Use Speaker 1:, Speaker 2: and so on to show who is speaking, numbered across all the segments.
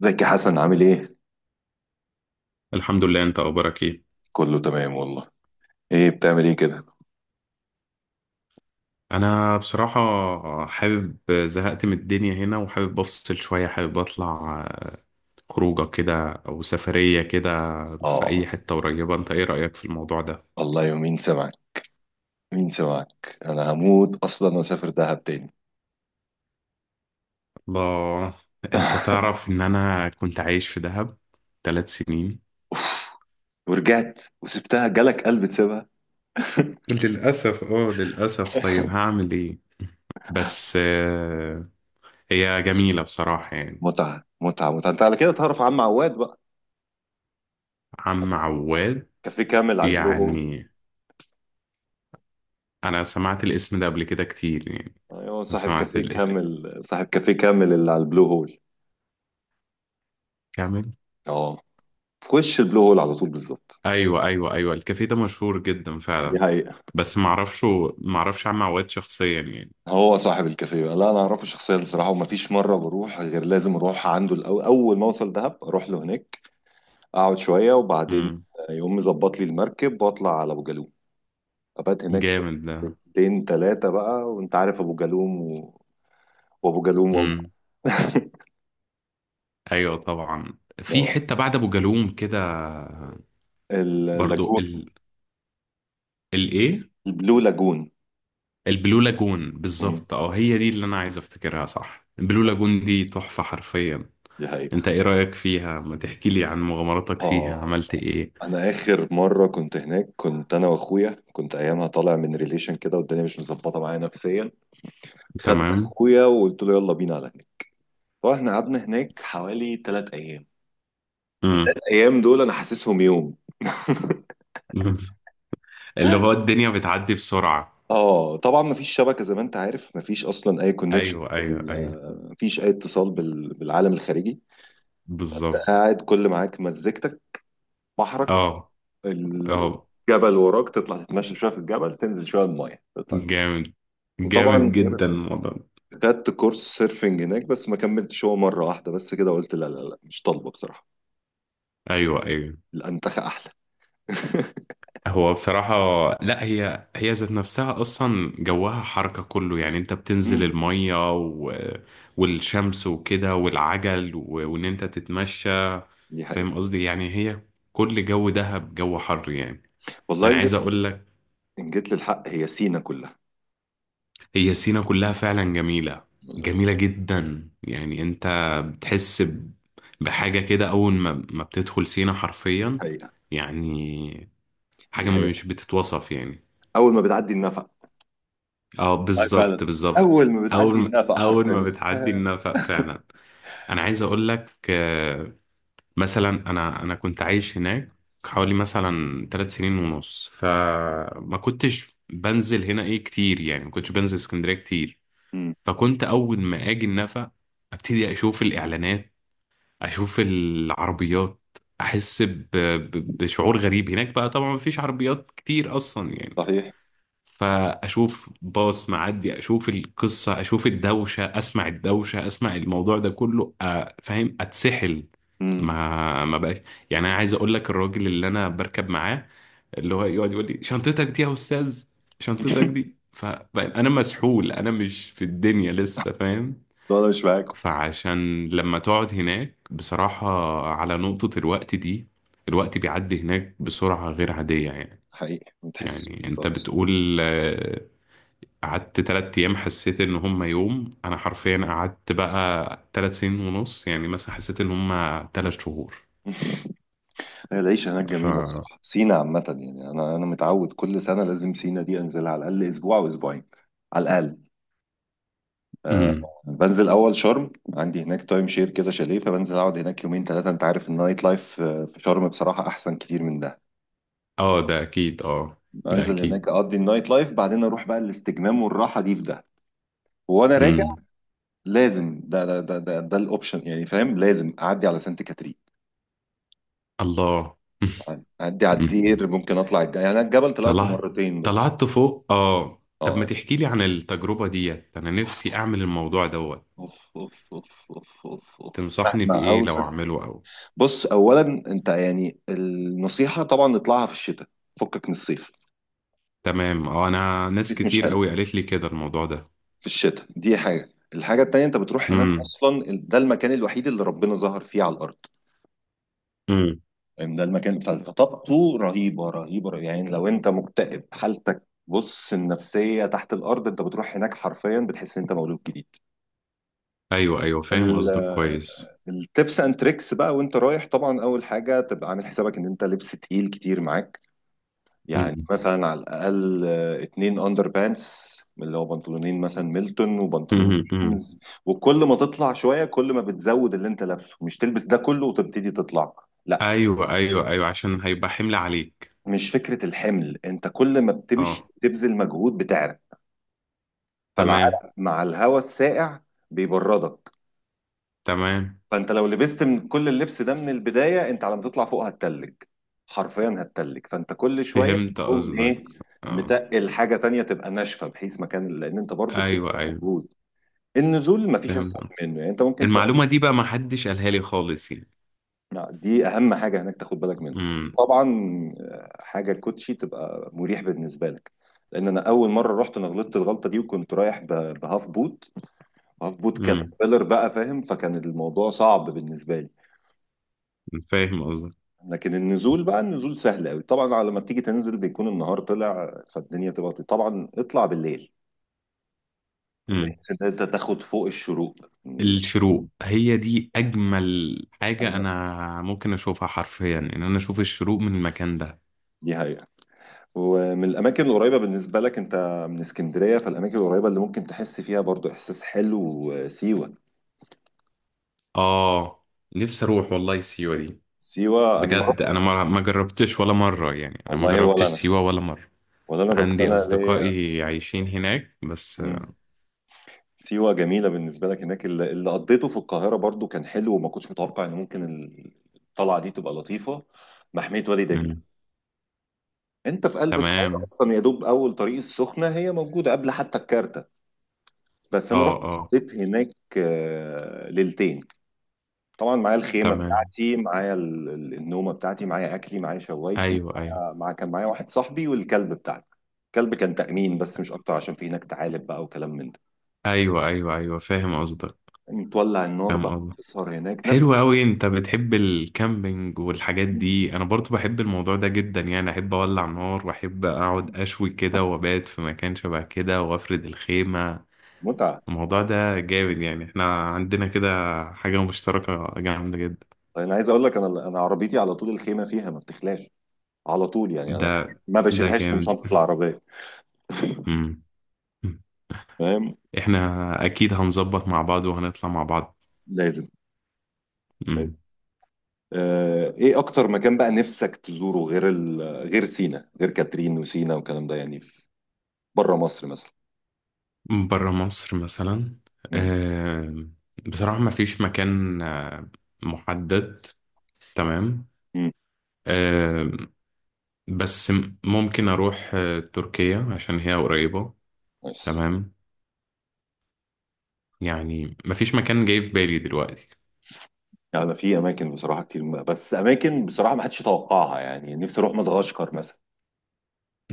Speaker 1: زكي حسن عامل ايه؟
Speaker 2: الحمد لله، انت اخبارك ايه؟
Speaker 1: كله تمام والله. ايه بتعمل ايه كده؟
Speaker 2: انا بصراحة، حابب زهقت من الدنيا هنا وحابب افصل شوية، حابب اطلع خروجة كده او سفرية كده في
Speaker 1: اه،
Speaker 2: اي حتة قريبة. انت ايه رأيك في الموضوع ده؟
Speaker 1: الله يومين سمعك. مين سمعك، انا هموت اصلا واسافر دهب تاني.
Speaker 2: الله. انت تعرف ان انا كنت عايش في دهب 3 سنين.
Speaker 1: ورجعت وسبتها، جالك قلب تسيبها؟
Speaker 2: للأسف، للأسف، طيب هعمل ايه؟ بس، هي جميلة بصراحة، يعني.
Speaker 1: متعة متعة متعة. انت على كده تعرف عم عواد بقى،
Speaker 2: عم عواد.
Speaker 1: كافيه كامل على البلو هول.
Speaker 2: يعني انا سمعت الاسم ده قبل كده كتير، يعني.
Speaker 1: ايوه،
Speaker 2: أنا
Speaker 1: صاحب
Speaker 2: سمعت،
Speaker 1: كافيه كامل صاحب كافيه كامل اللي على البلو هول.
Speaker 2: كامل.
Speaker 1: اه، في وش البلو هول على طول بالظبط.
Speaker 2: ايوه، ايوه، ايوه، الكافيه ده مشهور جدا
Speaker 1: دي
Speaker 2: فعلا.
Speaker 1: حقيقة.
Speaker 2: بس معرفش، عم عواد شخصيا، يعني.
Speaker 1: هو صاحب الكافيه بقى. لا انا اعرفه شخصيا بصراحة، ومفيش مرة بروح غير لازم اروح عنده الاول. اول ما اوصل دهب اروح له هناك، اقعد شويه، وبعدين
Speaker 2: امم.
Speaker 1: يقوم مظبط لي المركب واطلع على ابو جالوم، ابات هناك
Speaker 2: جامد ده.
Speaker 1: يومين ثلاثه بقى. وانت عارف ابو جالوم وابو جالوم وابو
Speaker 2: امم. ايوه، طبعا في
Speaker 1: اه،
Speaker 2: حته بعد ابو جالوم كده. برضو،
Speaker 1: اللاجون،
Speaker 2: الايه؟
Speaker 1: البلو لاجون.
Speaker 2: البلو لاجون
Speaker 1: مم.
Speaker 2: بالظبط، اه، هي دي اللي انا عايز افتكرها، صح، البلو لاجون دي تحفه حرفيا.
Speaker 1: دي حقيقة.
Speaker 2: انت ايه رايك فيها؟ ما تحكي لي عن مغامراتك فيها،
Speaker 1: اه،
Speaker 2: عملت ايه؟
Speaker 1: انا اخر مرة كنت هناك كنت انا واخويا، كنت ايامها طالع من ريليشن كده والدنيا مش مظبطة معايا نفسيا. خدت
Speaker 2: تمام.
Speaker 1: اخويا وقلت له يلا بينا على هناك. فاحنا قعدنا هناك حوالي 3 ايام.
Speaker 2: امم.
Speaker 1: الايام دول انا حاسسهم يوم.
Speaker 2: اللي هو الدنيا بتعدي بسرعه.
Speaker 1: اه، طبعا مفيش شبكه زي ما انت عارف، مفيش اصلا اي كونكشن،
Speaker 2: ايوه، ايوه، ايوه،
Speaker 1: مفيش اي اتصال بالعالم الخارجي. أنت
Speaker 2: بالظبط.
Speaker 1: قاعد، كل معاك مزيكتك، بحرك،
Speaker 2: اه، اه.
Speaker 1: الجبل وراك، تطلع تتمشى شويه في الجبل، تنزل شويه المايه، تطلع.
Speaker 2: جامد،
Speaker 1: وطبعا
Speaker 2: جامد جدا الموضوع ده.
Speaker 1: خدت كورس سيرفنج هناك، بس ما كملتش، هو مره واحده بس كده قلت لا لا لا، مش طالبه بصراحه.
Speaker 2: ايوه، ايوه.
Speaker 1: الانتخه احلى.
Speaker 2: هو بصراحة، لا، هي هي ذات نفسها اصلا جواها حركة كله، يعني انت بتنزل
Speaker 1: امم
Speaker 2: المية، و... والشمس وكده والعجل، و... وان انت تتمشى.
Speaker 1: دي
Speaker 2: فاهم
Speaker 1: حقيقه.
Speaker 2: قصدي؟ يعني هي كل جو دهب جو حر، يعني.
Speaker 1: والله
Speaker 2: انا
Speaker 1: ان
Speaker 2: عايز
Speaker 1: جيت
Speaker 2: اقول لك،
Speaker 1: ان جيت للحق، هي سينا كلها
Speaker 2: هي سينا كلها فعلا جميلة،
Speaker 1: والله.
Speaker 2: جميلة جدا، يعني. انت بتحس بحاجة كده أول ما بتدخل سينا حرفيا،
Speaker 1: حقيقه،
Speaker 2: يعني.
Speaker 1: دي
Speaker 2: حاجة
Speaker 1: حقيقه.
Speaker 2: مش بتتوصف، يعني.
Speaker 1: اول ما بتعدي النفق،
Speaker 2: اه
Speaker 1: والله فعلا
Speaker 2: بالظبط، بالظبط.
Speaker 1: اول ما
Speaker 2: أول
Speaker 1: بتعدي
Speaker 2: ما
Speaker 1: النافق
Speaker 2: أول ما
Speaker 1: حرفيا،
Speaker 2: بتعدي
Speaker 1: آه.
Speaker 2: النفق فعلا. أنا عايز أقول لك، مثلا أنا كنت عايش هناك حوالي مثلا 3 سنين ونص، فما كنتش بنزل هنا إيه كتير، يعني ما كنتش بنزل اسكندرية كتير.
Speaker 1: امم،
Speaker 2: فكنت اول ما اجي النفق، ابتدي اشوف الاعلانات، اشوف العربيات، احس بشعور غريب. هناك بقى طبعا مفيش عربيات كتير اصلا، يعني.
Speaker 1: صحيح.
Speaker 2: فاشوف باص معدي، اشوف القصه، اشوف الدوشه، اسمع الدوشه، اسمع الموضوع ده كله، فاهم، اتسحل.
Speaker 1: امم
Speaker 2: ما بقاش. يعني انا عايز اقول لك، الراجل اللي انا بركب معاه اللي هو يقعد يقول لي شنطتك دي يا استاذ، شنطتك دي، فانا مسحول، انا مش في الدنيا لسه، فاهم.
Speaker 1: لا انا مش معاكم.
Speaker 2: فعشان لما تقعد هناك بصراحة، على نقطة الوقت دي، الوقت بيعدي هناك بسرعة غير عادية، يعني.
Speaker 1: حقيقي ما تحسش
Speaker 2: يعني
Speaker 1: بيه
Speaker 2: انت
Speaker 1: خالص.
Speaker 2: بتقول قعدت 3 أيام، حسيت إن هما يوم. أنا حرفيا قعدت بقى 3 سنين ونص، يعني مثلا حسيت إن هما 3 شهور.
Speaker 1: هي العيشة هناك
Speaker 2: ف
Speaker 1: جميلة بصراحة، سينا عامة يعني. أنا متعود كل سنة لازم سينا دي أنزلها على الأقل أسبوع أو أسبوعين، على الأقل، أه.
Speaker 2: مم.
Speaker 1: بنزل أول شرم، عندي هناك تايم شير كده، شاليه، فبنزل أقعد هناك يومين ثلاثة، أنت عارف النايت لايف في شرم بصراحة أحسن كتير من ده.
Speaker 2: اه، ده أكيد، اه. ده
Speaker 1: بنزل
Speaker 2: أكيد.
Speaker 1: هناك أقضي النايت لايف، بعدين أروح بقى الاستجمام والراحة دي في ده. وأنا راجع،
Speaker 2: مم.
Speaker 1: لازم ده الاوبشن، يعني فاهم، لازم اعدي على سانت كاترين،
Speaker 2: الله.
Speaker 1: اعدي على الدير، ممكن اطلع يعني، أنا الجبل طلعته
Speaker 2: طلعت
Speaker 1: مرتين بس.
Speaker 2: طلعت فوق، اه. طب
Speaker 1: اه
Speaker 2: ما
Speaker 1: يعني،
Speaker 2: تحكي لي عن التجربة ديت، انا نفسي اعمل الموضوع دوت.
Speaker 1: اوف اوف اوف اوف اوف اوف،
Speaker 2: تنصحني
Speaker 1: احنا
Speaker 2: بايه لو
Speaker 1: اوسط.
Speaker 2: اعمله او...
Speaker 1: بص اولا، انت يعني النصيحه طبعا نطلعها في الشتاء، فكك من الصيف.
Speaker 2: تمام. اه، انا ناس
Speaker 1: الصيف مش
Speaker 2: كتير
Speaker 1: حلو،
Speaker 2: قوي قالت لي كده الموضوع ده.
Speaker 1: في الشتاء دي حاجه. الحاجه التانيه، انت بتروح هناك
Speaker 2: امم،
Speaker 1: اصلا ده المكان الوحيد اللي ربنا ظهر فيه على الارض.
Speaker 2: امم.
Speaker 1: ده المكان فطاقته رهيبه رهيبه رهيبة. يعني لو انت مكتئب، حالتك بص النفسيه تحت الارض، انت بتروح هناك حرفيا بتحس ان انت مولود جديد.
Speaker 2: ايوه، ايوه، فاهم قصدك
Speaker 1: ال-
Speaker 2: كويس.
Speaker 1: التبس اند تريكس بقى وانت رايح، طبعا اول حاجه تبقى عامل حسابك ان انت لبس تقيل كتير معاك. يعني
Speaker 2: امم،
Speaker 1: مثلا على الاقل 2 اندر بانس، اللي هو بنطلونين مثلا ميلتون، وبنطلون
Speaker 2: امم، أمم.
Speaker 1: جينز. وكل ما تطلع شويه، كل ما بتزود اللي انت لابسه، مش تلبس ده كله وتبتدي تطلع، لا.
Speaker 2: ايوه، ايوه، ايوه، عشان هيبقى حمل عليك.
Speaker 1: مش فكرة الحمل، انت كل ما بتمشي
Speaker 2: اه،
Speaker 1: بتبذل مجهود، بتعرق،
Speaker 2: تمام،
Speaker 1: فالعرق مع الهواء الساقع بيبردك.
Speaker 2: تمام،
Speaker 1: فانت لو لبست من كل اللبس ده من البداية، انت على ما تطلع فوق هتتلج، حرفيا هتتلج. فانت كل شوية
Speaker 2: فهمت
Speaker 1: تقوم
Speaker 2: قصدك،
Speaker 1: ايه،
Speaker 2: اه.
Speaker 1: متقل حاجة تانية تبقى ناشفة بحيث مكان، لان انت برضو بتبذل
Speaker 2: ايوه، ايوه،
Speaker 1: مجهود. النزول مفيش
Speaker 2: فهمت.
Speaker 1: اسهل منه، يعني انت ممكن.
Speaker 2: المعلومة دي بقى ما حدش قالها لي خالص، يعني.
Speaker 1: لا، دي اهم حاجه هناك تاخد بالك منها.
Speaker 2: امم،
Speaker 1: طبعا حاجه الكوتشي تبقى مريح بالنسبه لك، لان انا اول مره رحت انا غلطت الغلطه دي، وكنت رايح بهاف بوت، هاف بوت
Speaker 2: امم،
Speaker 1: كاتربيلر بقى فاهم، فكان الموضوع صعب بالنسبه لي.
Speaker 2: فاهم قصدك.
Speaker 1: لكن النزول بقى، النزول سهل قوي. طبعا على ما بتيجي تنزل بيكون النهار طلع، فالدنيا بتبقى، طبعا اطلع بالليل
Speaker 2: مم.
Speaker 1: بحيث ان انت تاخد فوق الشروق، من
Speaker 2: الشروق هي دي اجمل حاجه انا ممكن اشوفها، حرفيا ان انا اشوف الشروق من المكان ده.
Speaker 1: دي هي. ومن الأماكن القريبة بالنسبة لك أنت، من اسكندرية، فالأماكن القريبة اللي ممكن تحس فيها برضو إحساس حلو سيوة.
Speaker 2: اه، نفسي اروح والله سيوه دي.
Speaker 1: سيوة أنا ما
Speaker 2: بجد
Speaker 1: رحت.
Speaker 2: انا ما جربتش ولا مره، يعني انا ما
Speaker 1: والله ولا
Speaker 2: جربتش
Speaker 1: أنا
Speaker 2: سيوه ولا مره.
Speaker 1: ولا أنا بس
Speaker 2: عندي
Speaker 1: أنا ليا.
Speaker 2: اصدقائي عايشين هناك بس.
Speaker 1: مم. سيوة جميلة بالنسبة لك هناك. اللي قضيته في القاهرة برضو كان حلو، وما كنتش متوقع إن ممكن الطلعة دي تبقى لطيفة. محمية وادي دجلة،
Speaker 2: مم.
Speaker 1: أنت في قلب القاهرة
Speaker 2: تمام،
Speaker 1: أصلا، يا دوب أول طريق السخنة، هي موجودة قبل حتى الكارتة. بس أنا
Speaker 2: اه،
Speaker 1: رحت
Speaker 2: اه،
Speaker 1: قضيت هناك ليلتين. طبعا معايا الخيمه
Speaker 2: تمام.
Speaker 1: بتاعتي، معايا النومه بتاعتي، معايا اكلي، معايا شوايتي،
Speaker 2: ايوه، ايوه،
Speaker 1: معايا، كان معايا واحد صاحبي والكلب بتاعتي. الكلب كان تأمين بس، مش اكتر، عشان في هناك تعالب بقى وكلام من ده.
Speaker 2: ايوه، ايوه، ايوه، فاهم قصدك،
Speaker 1: متولع النار
Speaker 2: فاهم
Speaker 1: بقى،
Speaker 2: قصدك.
Speaker 1: تسهر هناك، نفس
Speaker 2: حلو قوي، انت بتحب الكامبينج والحاجات دي، انا برضو بحب الموضوع ده جدا، يعني احب اولع نار واحب اقعد اشوي كده وابات في مكان شبه كده وافرد الخيمة.
Speaker 1: متعه.
Speaker 2: الموضوع ده جامد، يعني احنا عندنا كده حاجة مشتركة جامدة جدا.
Speaker 1: طيب انا عايز اقول لك، انا انا عربيتي على طول الخيمه فيها، ما بتخلاش على طول، يعني انا
Speaker 2: ده
Speaker 1: ما
Speaker 2: ده
Speaker 1: بشيلهاش من
Speaker 2: جامد.
Speaker 1: شنطه العربيه.
Speaker 2: مم. مم.
Speaker 1: فاهم.
Speaker 2: احنا اكيد هنظبط مع بعض وهنطلع مع بعض.
Speaker 1: لازم، لازم.
Speaker 2: مم.
Speaker 1: ايه اكتر مكان بقى نفسك تزوره، غير غير سينا، غير كاترين وسينا والكلام ده، يعني في بره مصر مثلا.
Speaker 2: برا مصر مثلا.
Speaker 1: مم.
Speaker 2: آم، بصراحة ما فيش مكان محدد.
Speaker 1: مم.
Speaker 2: تمام. بس ممكن اروح تركيا عشان هي قريبة.
Speaker 1: بس
Speaker 2: تمام. يعني مفيش مكان جاي في بالي دلوقتي.
Speaker 1: يعني في اماكن بصراحه كتير، بس اماكن بصراحه ما حدش يتوقعها. يعني نفسي اروح مدغشقر مثلا.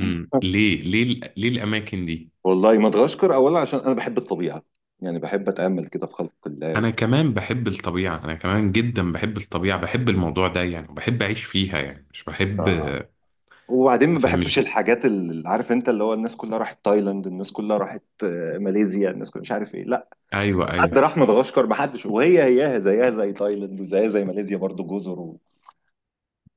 Speaker 2: امم، ليه الاماكن دي؟
Speaker 1: والله مدغشقر اولا عشان انا بحب الطبيعه، يعني بحب اتامل كده في خلق الله
Speaker 2: انا
Speaker 1: وبتاع.
Speaker 2: كمان بحب الطبيعة، انا كمان جدا بحب الطبيعة، بحب الموضوع ده، يعني بحب اعيش فيها، يعني مش
Speaker 1: ف...
Speaker 2: بحب.
Speaker 1: وبعدين ما
Speaker 2: فاهم، مش
Speaker 1: بحبش
Speaker 2: ب...
Speaker 1: الحاجات اللي عارف انت، اللي هو الناس كلها راحت تايلاند، الناس كلها راحت ماليزيا، الناس كلها مش عارف ايه. لا
Speaker 2: ايوه،
Speaker 1: حد
Speaker 2: ايوه.
Speaker 1: راح مدغشقر، ما حدش، وهي هياها زيها زي تايلاند وزيها زي ماليزيا، برضو جزر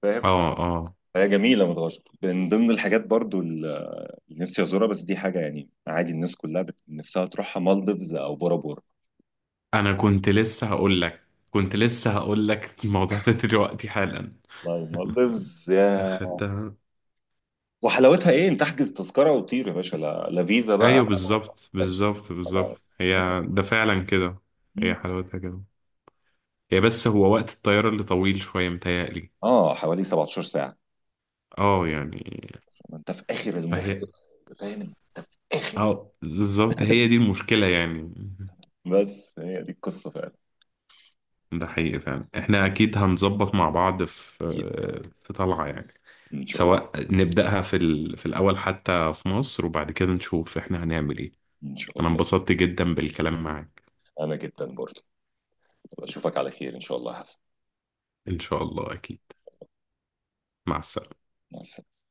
Speaker 1: فاهم.
Speaker 2: اه، اه.
Speaker 1: هي جميلة مدغشقر من ضمن الحاجات برضو اللي نفسي أزورها. بس دي حاجة يعني عادي، الناس كلها نفسها تروحها مالديفز أو بورا بورا.
Speaker 2: انا كنت لسه هقول لك كنت لسه هقول لك الموضوع ده دلوقتي حالا.
Speaker 1: والله مالديفز يا،
Speaker 2: خدتها.
Speaker 1: وحلاوتها إيه؟ أنت تحجز تذكرة وتطير يا باشا، لا, لا فيزا بقى،
Speaker 2: ايوه، بالظبط،
Speaker 1: لا شيك
Speaker 2: بالظبط،
Speaker 1: ولا
Speaker 2: بالظبط،
Speaker 1: حاجة.
Speaker 2: هي. ده فعلا كده. هي
Speaker 1: مم.
Speaker 2: حلاوتها كده. هي بس هو وقت الطيارة اللي طويل شوية، متهيألي.
Speaker 1: حوالي 17 ساعة.
Speaker 2: اه، يعني.
Speaker 1: ما أنت في آخر المحيط.
Speaker 2: فهي...
Speaker 1: فاهم أنت في آخر المحيط.
Speaker 2: اه، بالظبط، هي دي المشكلة، يعني.
Speaker 1: بس هي دي القصة فعلا.
Speaker 2: ده حقيقي فعلا، احنا اكيد هنظبط مع بعض في
Speaker 1: أكيد
Speaker 2: طلعة، يعني.
Speaker 1: إن شاء الله.
Speaker 2: سواء نبدأها في الأول، حتى في مصر، وبعد كده نشوف احنا هنعمل ايه.
Speaker 1: إن شاء
Speaker 2: انا
Speaker 1: الله
Speaker 2: انبسطت جدا بالكلام معاك.
Speaker 1: أنا جدا برضو. أشوفك على خير إن شاء الله يا حسن.
Speaker 2: ان شاء الله، اكيد. مع السلامة.
Speaker 1: مع السلامة.